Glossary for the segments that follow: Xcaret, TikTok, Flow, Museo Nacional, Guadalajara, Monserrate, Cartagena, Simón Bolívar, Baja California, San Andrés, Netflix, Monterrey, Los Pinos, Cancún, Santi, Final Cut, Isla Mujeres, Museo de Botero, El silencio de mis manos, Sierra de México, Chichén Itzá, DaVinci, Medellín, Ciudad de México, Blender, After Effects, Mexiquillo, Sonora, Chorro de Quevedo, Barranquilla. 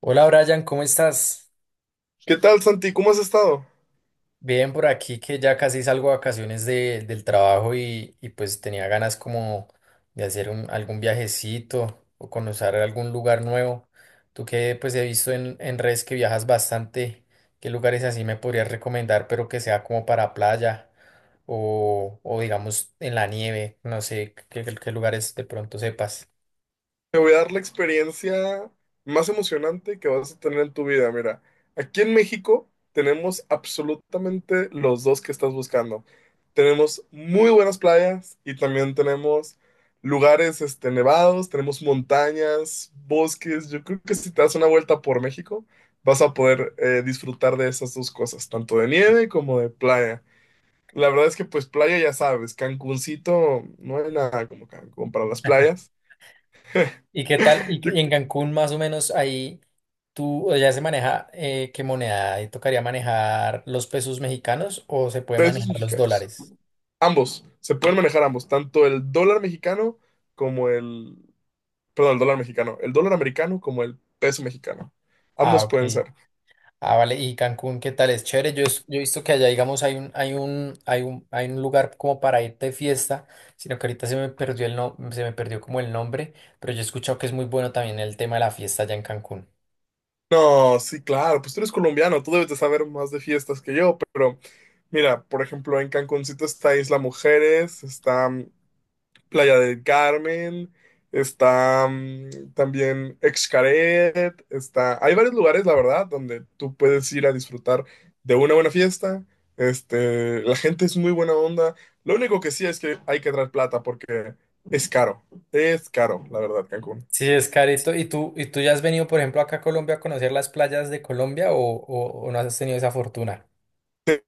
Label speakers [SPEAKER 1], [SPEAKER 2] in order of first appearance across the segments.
[SPEAKER 1] Hola Brian, ¿cómo estás?
[SPEAKER 2] ¿Qué tal, Santi? ¿Cómo has estado?
[SPEAKER 1] Bien por aquí que ya casi salgo de vacaciones del trabajo y pues tenía ganas como de hacer algún viajecito o conocer algún lugar nuevo. Tú que pues he visto en redes que viajas bastante, ¿qué lugares así me podrías recomendar, pero que sea como para playa o digamos en la nieve? No sé qué lugares de pronto sepas.
[SPEAKER 2] Te voy a dar la experiencia más emocionante que vas a tener en tu vida. Mira, aquí en México tenemos absolutamente los dos que estás buscando. Tenemos muy buenas playas y también tenemos lugares, nevados, tenemos montañas, bosques. Yo creo que si te das una vuelta por México, vas a poder disfrutar de esas dos cosas, tanto de nieve como de playa. La verdad es que pues playa ya sabes, Cancuncito, no hay nada como Cancún para las playas.
[SPEAKER 1] ¿Y qué tal? ¿Y, qué-
[SPEAKER 2] Yo creo
[SPEAKER 1] y en Cancún más o menos ahí? ¿Tú ya se maneja qué moneda? ¿Tocaría manejar los pesos mexicanos o se puede
[SPEAKER 2] que esos
[SPEAKER 1] manejar los
[SPEAKER 2] mexicanos.
[SPEAKER 1] dólares?
[SPEAKER 2] Ambos, se pueden manejar ambos, tanto el dólar mexicano como el, perdón, el dólar mexicano, el dólar americano como el peso mexicano.
[SPEAKER 1] Ah,
[SPEAKER 2] Ambos pueden
[SPEAKER 1] ok.
[SPEAKER 2] ser.
[SPEAKER 1] Ah, vale. ¿Y Cancún qué tal? Es chévere. Yo he visto que allá, digamos, hay un lugar como para irte de fiesta, sino que ahorita se me perdió el no, se me perdió como el nombre, pero yo he escuchado que es muy bueno también el tema de la fiesta allá en Cancún.
[SPEAKER 2] No, sí, claro, pues tú eres colombiano, tú debes de saber más de fiestas que yo, pero mira, por ejemplo, en Cancuncito está Isla Mujeres, está Playa del Carmen, está también Xcaret, Hay varios lugares, la verdad, donde tú puedes ir a disfrutar de una buena fiesta. La gente es muy buena onda. Lo único que sí es que hay que traer plata porque es caro. Es caro, la verdad, Cancún.
[SPEAKER 1] Sí, es carito. ¿Y tú ya has venido, por ejemplo, acá a Colombia a conocer las playas de Colombia o, o no has tenido esa fortuna?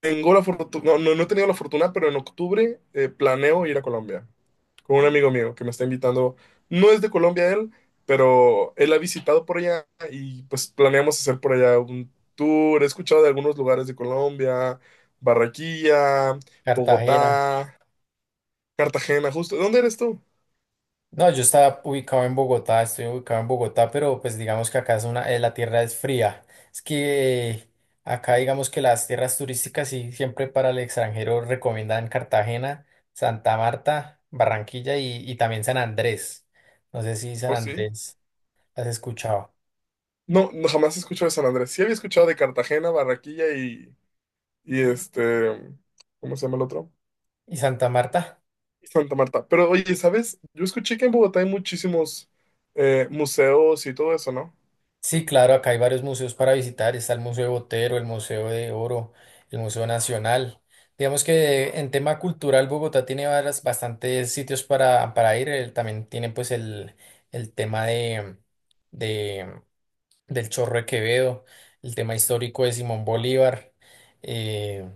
[SPEAKER 2] Tengo la fortuna, no, no, no he tenido la fortuna, pero en octubre planeo ir a Colombia con un amigo mío que me está invitando. No es de Colombia él, pero él ha visitado por allá y pues planeamos hacer por allá un tour. He escuchado de algunos lugares de Colombia: Barranquilla,
[SPEAKER 1] Cartagena.
[SPEAKER 2] Bogotá, Cartagena, justo. ¿Dónde eres tú?
[SPEAKER 1] No, yo estaba ubicado en Bogotá, estoy ubicado en Bogotá, pero pues digamos que acá es una, la tierra es fría. Es que acá digamos que las tierras turísticas sí siempre para el extranjero recomiendan Cartagena, Santa Marta, Barranquilla y también San Andrés. No sé si San
[SPEAKER 2] ¿O sí?
[SPEAKER 1] Andrés has escuchado.
[SPEAKER 2] No, no jamás he escuchado de San Andrés. Sí había escuchado de Cartagena, Barranquilla y ¿cómo se llama el otro?
[SPEAKER 1] ¿Y Santa Marta?
[SPEAKER 2] Santa Marta. Pero oye, ¿sabes? Yo escuché que en Bogotá hay muchísimos museos y todo eso, ¿no?
[SPEAKER 1] Sí, claro, acá hay varios museos para visitar. Está el Museo de Botero, el Museo de Oro, el Museo Nacional. Digamos que en tema cultural, Bogotá tiene bastantes sitios para, ir. También tiene pues el tema del Chorro de Quevedo, el tema histórico de Simón Bolívar. eh,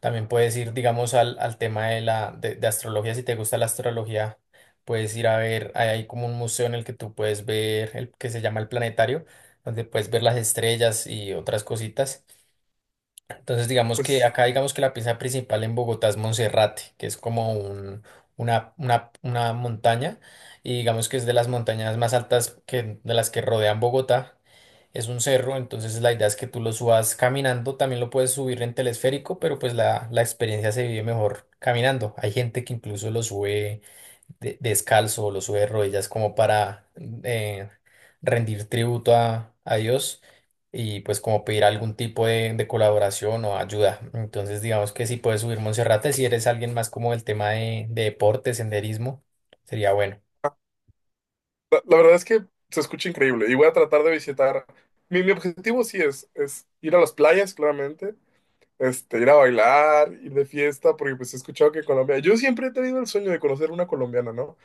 [SPEAKER 1] también puedes ir, digamos, al tema de astrología. Si te gusta la astrología, puedes ir a ver, hay como un museo en el que tú puedes ver el que se llama el planetario, donde puedes ver las estrellas y otras cositas. Entonces, digamos que
[SPEAKER 2] Pues
[SPEAKER 1] acá, digamos que la pieza principal en Bogotá es Monserrate, que es como una montaña, y digamos que es de las montañas más altas que, de las que rodean Bogotá. Es un cerro, entonces la idea es que tú lo subas caminando, también lo puedes subir en telesférico, pero pues la experiencia se vive mejor caminando. Hay gente que incluso lo sube descalzo, lo sube de rodillas como para eh, rendir tributo a Dios y pues como pedir algún tipo de colaboración o ayuda. Entonces digamos que si puedes subir Monserrate, si eres alguien más como el tema de deporte, senderismo, sería bueno.
[SPEAKER 2] la verdad es que se escucha increíble y voy a tratar de visitar. Mi objetivo sí es ir a las playas, claramente, ir a bailar, ir de fiesta, porque pues he escuchado que Colombia, yo siempre he tenido el sueño de conocer una colombiana, ¿no?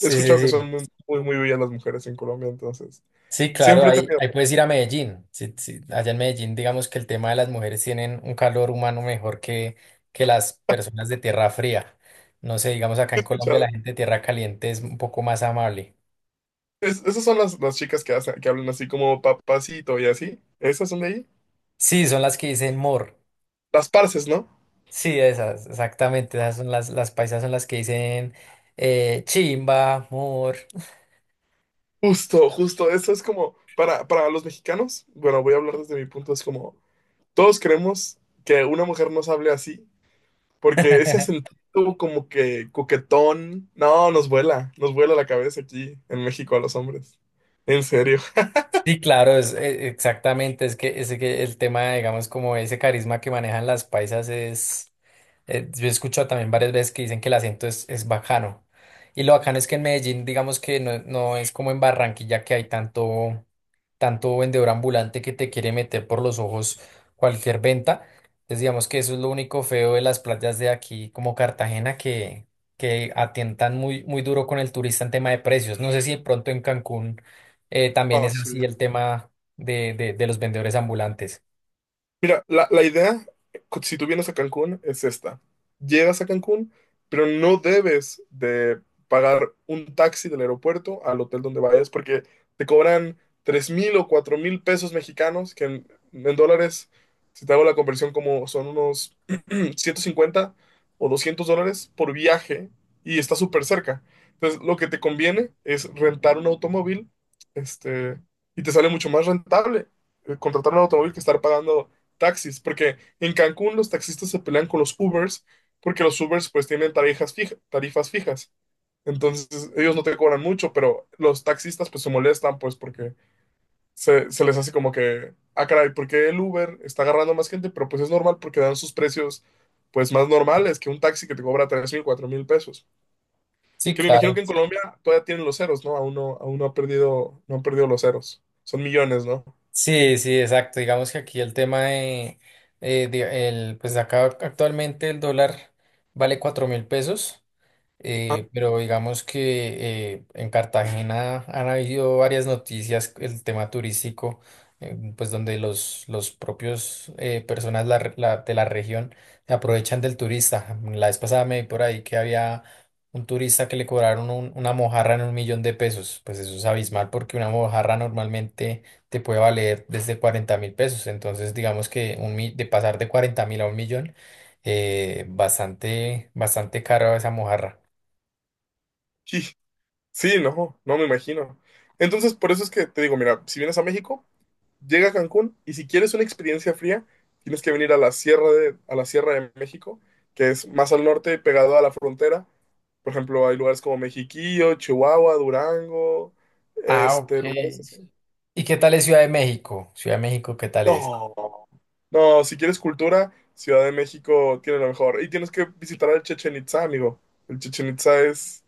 [SPEAKER 2] He
[SPEAKER 1] sí,
[SPEAKER 2] escuchado que son
[SPEAKER 1] sí.
[SPEAKER 2] muy, muy, muy bellas las mujeres en Colombia, entonces,
[SPEAKER 1] Sí, claro,
[SPEAKER 2] siempre he
[SPEAKER 1] ahí,
[SPEAKER 2] tenido,
[SPEAKER 1] ahí puedes ir a Medellín. Sí, sí. Allá en Medellín, digamos que el tema de las mujeres tienen un calor humano mejor que las personas de tierra fría. No sé, digamos acá
[SPEAKER 2] he
[SPEAKER 1] en Colombia
[SPEAKER 2] escuchado.
[SPEAKER 1] la gente de tierra caliente es un poco más amable.
[SPEAKER 2] Esas son las chicas que hacen, que hablan así como papacito y así, esas son de ahí.
[SPEAKER 1] Sí, son las que dicen mor.
[SPEAKER 2] Las parces, ¿no?
[SPEAKER 1] Sí, esas, exactamente. Esas son las, paisas son las que dicen chimba, mor.
[SPEAKER 2] Justo, justo, eso es como, para los mexicanos, bueno, voy a hablar desde mi punto, es como todos creemos que una mujer nos hable así, porque ese acento como que coquetón, no, nos vuela la cabeza aquí en México a los hombres. En serio.
[SPEAKER 1] Sí, claro, es, exactamente. Es que el tema, digamos, como ese carisma que manejan las paisas es. Yo he escuchado también varias veces que dicen que el acento es bacano. Y lo bacano es que en Medellín, digamos que no, no es como en Barranquilla que hay tanto. Tanto vendedor ambulante que te quiere meter por los ojos cualquier venta. Entonces digamos que eso es lo único feo de las playas de aquí como Cartagena que atientan muy, muy duro con el turista en tema de precios. No sé si de pronto en Cancún también
[SPEAKER 2] Ah,
[SPEAKER 1] es
[SPEAKER 2] sí.
[SPEAKER 1] así el tema de los vendedores ambulantes.
[SPEAKER 2] Mira, la idea, si tú vienes a Cancún, es esta. Llegas a Cancún, pero no debes de pagar un taxi del aeropuerto al hotel donde vayas porque te cobran 3,000 o 4,000 pesos mexicanos, que en dólares, si te hago la conversión, como son unos 150 o 200 dólares por viaje, y está súper cerca. Entonces, lo que te conviene es rentar un automóvil, este, y te sale mucho más rentable contratar un automóvil que estar pagando taxis, porque en Cancún los taxistas se pelean con los Ubers, porque los Ubers pues tienen tarifas fijas. Entonces ellos no te cobran mucho, pero los taxistas pues se molestan pues porque se les hace como que, ah, caray, ¿por qué el Uber está agarrando más gente? Pero pues es normal porque dan sus precios pues más normales que un taxi que te cobra 3,000, 4,000 pesos.
[SPEAKER 1] Sí,
[SPEAKER 2] Que me imagino que
[SPEAKER 1] claro.
[SPEAKER 2] en Sí. Colombia todavía tienen los ceros, ¿no? Aún no, aún no ha perdido, no han perdido los ceros. Son millones, ¿no?
[SPEAKER 1] Sí, sí, exacto. Digamos que aquí el tema pues acá actualmente el dólar vale 4.000 pesos.
[SPEAKER 2] Ah,
[SPEAKER 1] Pero digamos que en Cartagena han habido varias noticias, el tema turístico, pues donde los propios personas de la región se aprovechan del turista. La vez pasada me vi por ahí que había un turista que le cobraron una mojarra en 1.000.000 de pesos. Pues eso es abismal porque una mojarra normalmente te puede valer desde 40.000 pesos. Entonces digamos que de pasar de 40.000 a 1.000.000, bastante, bastante caro esa mojarra.
[SPEAKER 2] sí. Sí, no, no me imagino. Entonces, por eso es que te digo, mira, si vienes a México, llega a Cancún, y si quieres una experiencia fría, tienes que venir a la Sierra de México, que es más al norte, pegado a la frontera. Por ejemplo, hay lugares como Mexiquillo, Chihuahua, Durango,
[SPEAKER 1] Ah, ok.
[SPEAKER 2] lugares así.
[SPEAKER 1] ¿Y qué tal es Ciudad de México? Ciudad de México, ¿qué tal es?
[SPEAKER 2] No, no, si quieres cultura, Ciudad de México tiene lo mejor. Y tienes que visitar el Chichen Itzá, amigo. El Chichen Itzá es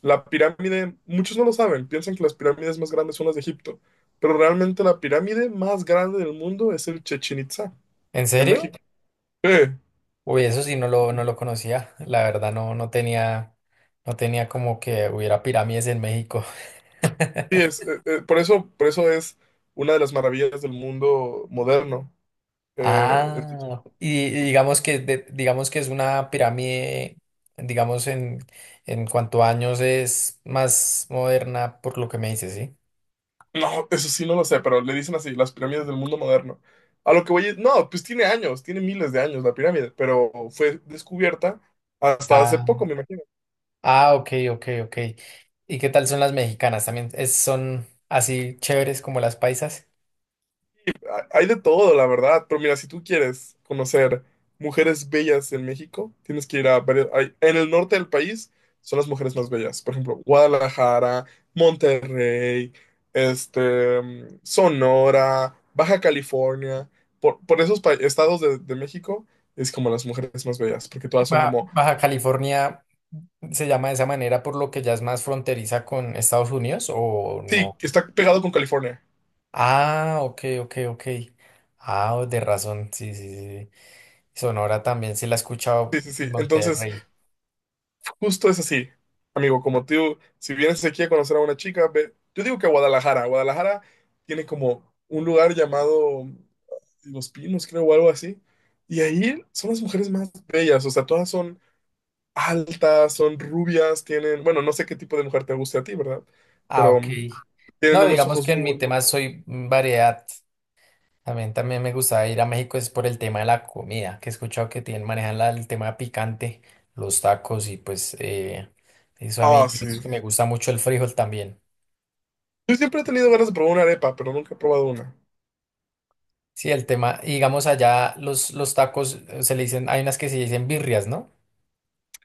[SPEAKER 2] la pirámide. Muchos no lo saben, piensan que las pirámides más grandes son las de Egipto, pero realmente la pirámide más grande del mundo es el Chichén Itzá,
[SPEAKER 1] ¿En
[SPEAKER 2] en
[SPEAKER 1] serio?
[SPEAKER 2] México. Sí,
[SPEAKER 1] Uy, eso sí no lo conocía. La verdad no, no tenía como que hubiera pirámides en México.
[SPEAKER 2] sí, es, por eso es una de las maravillas del mundo moderno. Eh, el Chichén-
[SPEAKER 1] Ah, y digamos que digamos que es una pirámide, digamos en, cuanto a años es más moderna por lo que me dices, ¿sí?
[SPEAKER 2] no, eso sí no lo sé, pero le dicen así, las pirámides del mundo moderno. A lo que voy es, no, pues tiene años, tiene miles de años la pirámide, pero fue descubierta hasta hace
[SPEAKER 1] Ah,
[SPEAKER 2] poco, me imagino.
[SPEAKER 1] ah, ok, ok, ok. ¿Y qué tal son las mexicanas? ¿También son así chéveres como las paisas?
[SPEAKER 2] Hay de todo, la verdad, pero mira, si tú quieres conocer mujeres bellas en México, tienes que ir a en el norte del país son las mujeres más bellas, por ejemplo, Guadalajara, Monterrey, Sonora, Baja California. Por estados de México es como las mujeres más bellas, porque todas son como.
[SPEAKER 1] Baja California se llama de esa manera por lo que ya es más fronteriza con Estados Unidos o
[SPEAKER 2] Sí,
[SPEAKER 1] no.
[SPEAKER 2] está pegado con California.
[SPEAKER 1] Ah, ok, ok, ok. Ah, oh, de razón, sí, sí, sí. Sí. Sonora también sí la he escuchado
[SPEAKER 2] Sí, sí,
[SPEAKER 1] y
[SPEAKER 2] sí. Entonces.
[SPEAKER 1] Monterrey.
[SPEAKER 2] Justo es así, amigo, como tú, si vienes aquí a conocer a una chica, ve, yo digo que a Guadalajara. Guadalajara tiene como un lugar llamado Los Pinos, creo, o algo así, y ahí son las mujeres más bellas, o sea, todas son altas, son rubias, tienen, bueno, no sé qué tipo de mujer te guste a ti, ¿verdad?
[SPEAKER 1] Ah,
[SPEAKER 2] Pero
[SPEAKER 1] ok.
[SPEAKER 2] tienen
[SPEAKER 1] No,
[SPEAKER 2] unos
[SPEAKER 1] digamos
[SPEAKER 2] ojos
[SPEAKER 1] que
[SPEAKER 2] muy
[SPEAKER 1] en mi tema
[SPEAKER 2] bonitos.
[SPEAKER 1] soy variedad. También me gusta ir a México es por el tema de la comida, que he escuchado que tienen, manejan el tema picante, los tacos y pues eso a mí,
[SPEAKER 2] Ah, sí.
[SPEAKER 1] digamos que me gusta mucho el frijol también.
[SPEAKER 2] Yo siempre he tenido ganas de probar una arepa, pero nunca he probado una.
[SPEAKER 1] Sí, el tema, y digamos allá los tacos se le dicen, hay unas que se dicen birrias, ¿no?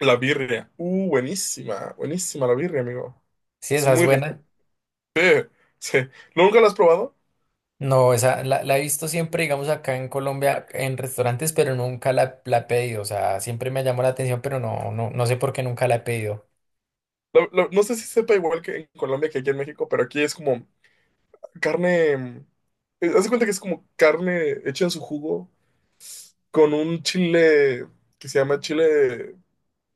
[SPEAKER 2] La birria, buenísima, buenísima la birria, amigo,
[SPEAKER 1] Sí,
[SPEAKER 2] es
[SPEAKER 1] esa es
[SPEAKER 2] muy rica.
[SPEAKER 1] buena.
[SPEAKER 2] Sí. ¿Nunca la has probado?
[SPEAKER 1] No, esa la he visto siempre, digamos, acá en Colombia, en restaurantes, pero nunca la he pedido. O sea, siempre me llamó la atención, pero no, no, no sé por qué nunca la he pedido.
[SPEAKER 2] No sé si sepa igual que en Colombia que aquí en México, pero aquí es como carne. Haz de cuenta que es como carne hecha en su jugo con un chile que se llama chile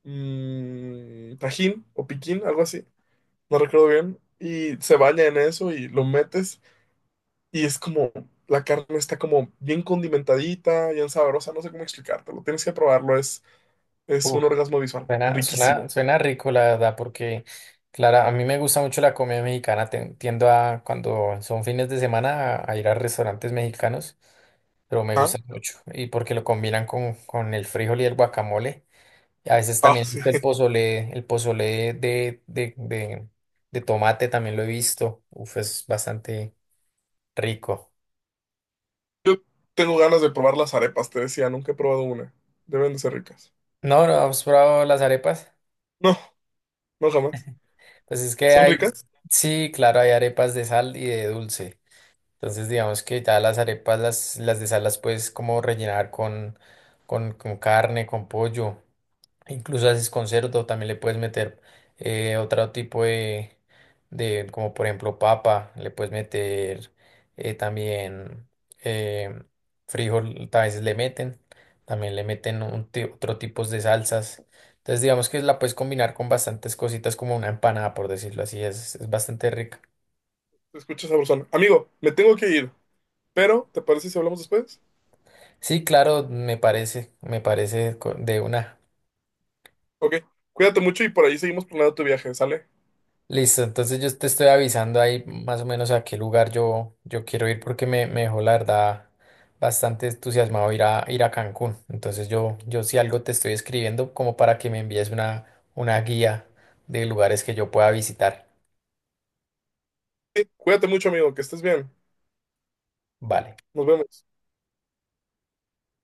[SPEAKER 2] tajín o piquín, algo así. No recuerdo bien. Y se baña en eso y lo metes, y es como la carne está como bien condimentadita, bien sabrosa. No sé cómo explicártelo. Tienes que probarlo. Es un
[SPEAKER 1] Uf,
[SPEAKER 2] orgasmo visual.
[SPEAKER 1] suena, suena,
[SPEAKER 2] Riquísimo.
[SPEAKER 1] suena rico, la verdad, porque, claro, a mí me gusta mucho la comida mexicana. Tiendo a, cuando son fines de semana, a ir a restaurantes mexicanos, pero me
[SPEAKER 2] Ah,
[SPEAKER 1] gustan mucho. Y porque lo combinan con el frijol y el guacamole. A veces
[SPEAKER 2] ah,
[SPEAKER 1] también he
[SPEAKER 2] sí.
[SPEAKER 1] visto el pozole de tomate, también lo he visto. Uf, es bastante rico.
[SPEAKER 2] Yo tengo ganas de probar las arepas, te decía, nunca he probado una. Deben de ser ricas.
[SPEAKER 1] No, no, ¿has probado las arepas?
[SPEAKER 2] No, no jamás.
[SPEAKER 1] Pues es que
[SPEAKER 2] ¿Son ricas?
[SPEAKER 1] sí, claro, hay arepas de sal y de dulce. Entonces, digamos que ya las arepas, las de sal las puedes como rellenar con carne, con pollo. Incluso haces concierto, también le puedes meter otro tipo de, como por ejemplo papa, le puedes meter también eh, frijol, a veces le meten, también le meten otro tipo de salsas. Entonces digamos que la puedes combinar con bastantes cositas como una empanada, por decirlo así, es bastante rica.
[SPEAKER 2] Se escucha sabrosón. Amigo, me tengo que ir, pero ¿te parece si hablamos después?
[SPEAKER 1] Sí, claro, me parece de una.
[SPEAKER 2] Ok, cuídate mucho y por ahí seguimos planeando tu viaje, ¿sale?
[SPEAKER 1] Listo, entonces yo te estoy avisando ahí más o menos a qué lugar yo quiero ir porque me dejó la verdad bastante entusiasmado ir a Cancún. Entonces yo si algo te estoy escribiendo como para que me envíes una guía de lugares que yo pueda visitar.
[SPEAKER 2] Sí, cuídate mucho, amigo, que estés bien.
[SPEAKER 1] Vale.
[SPEAKER 2] Nos vemos.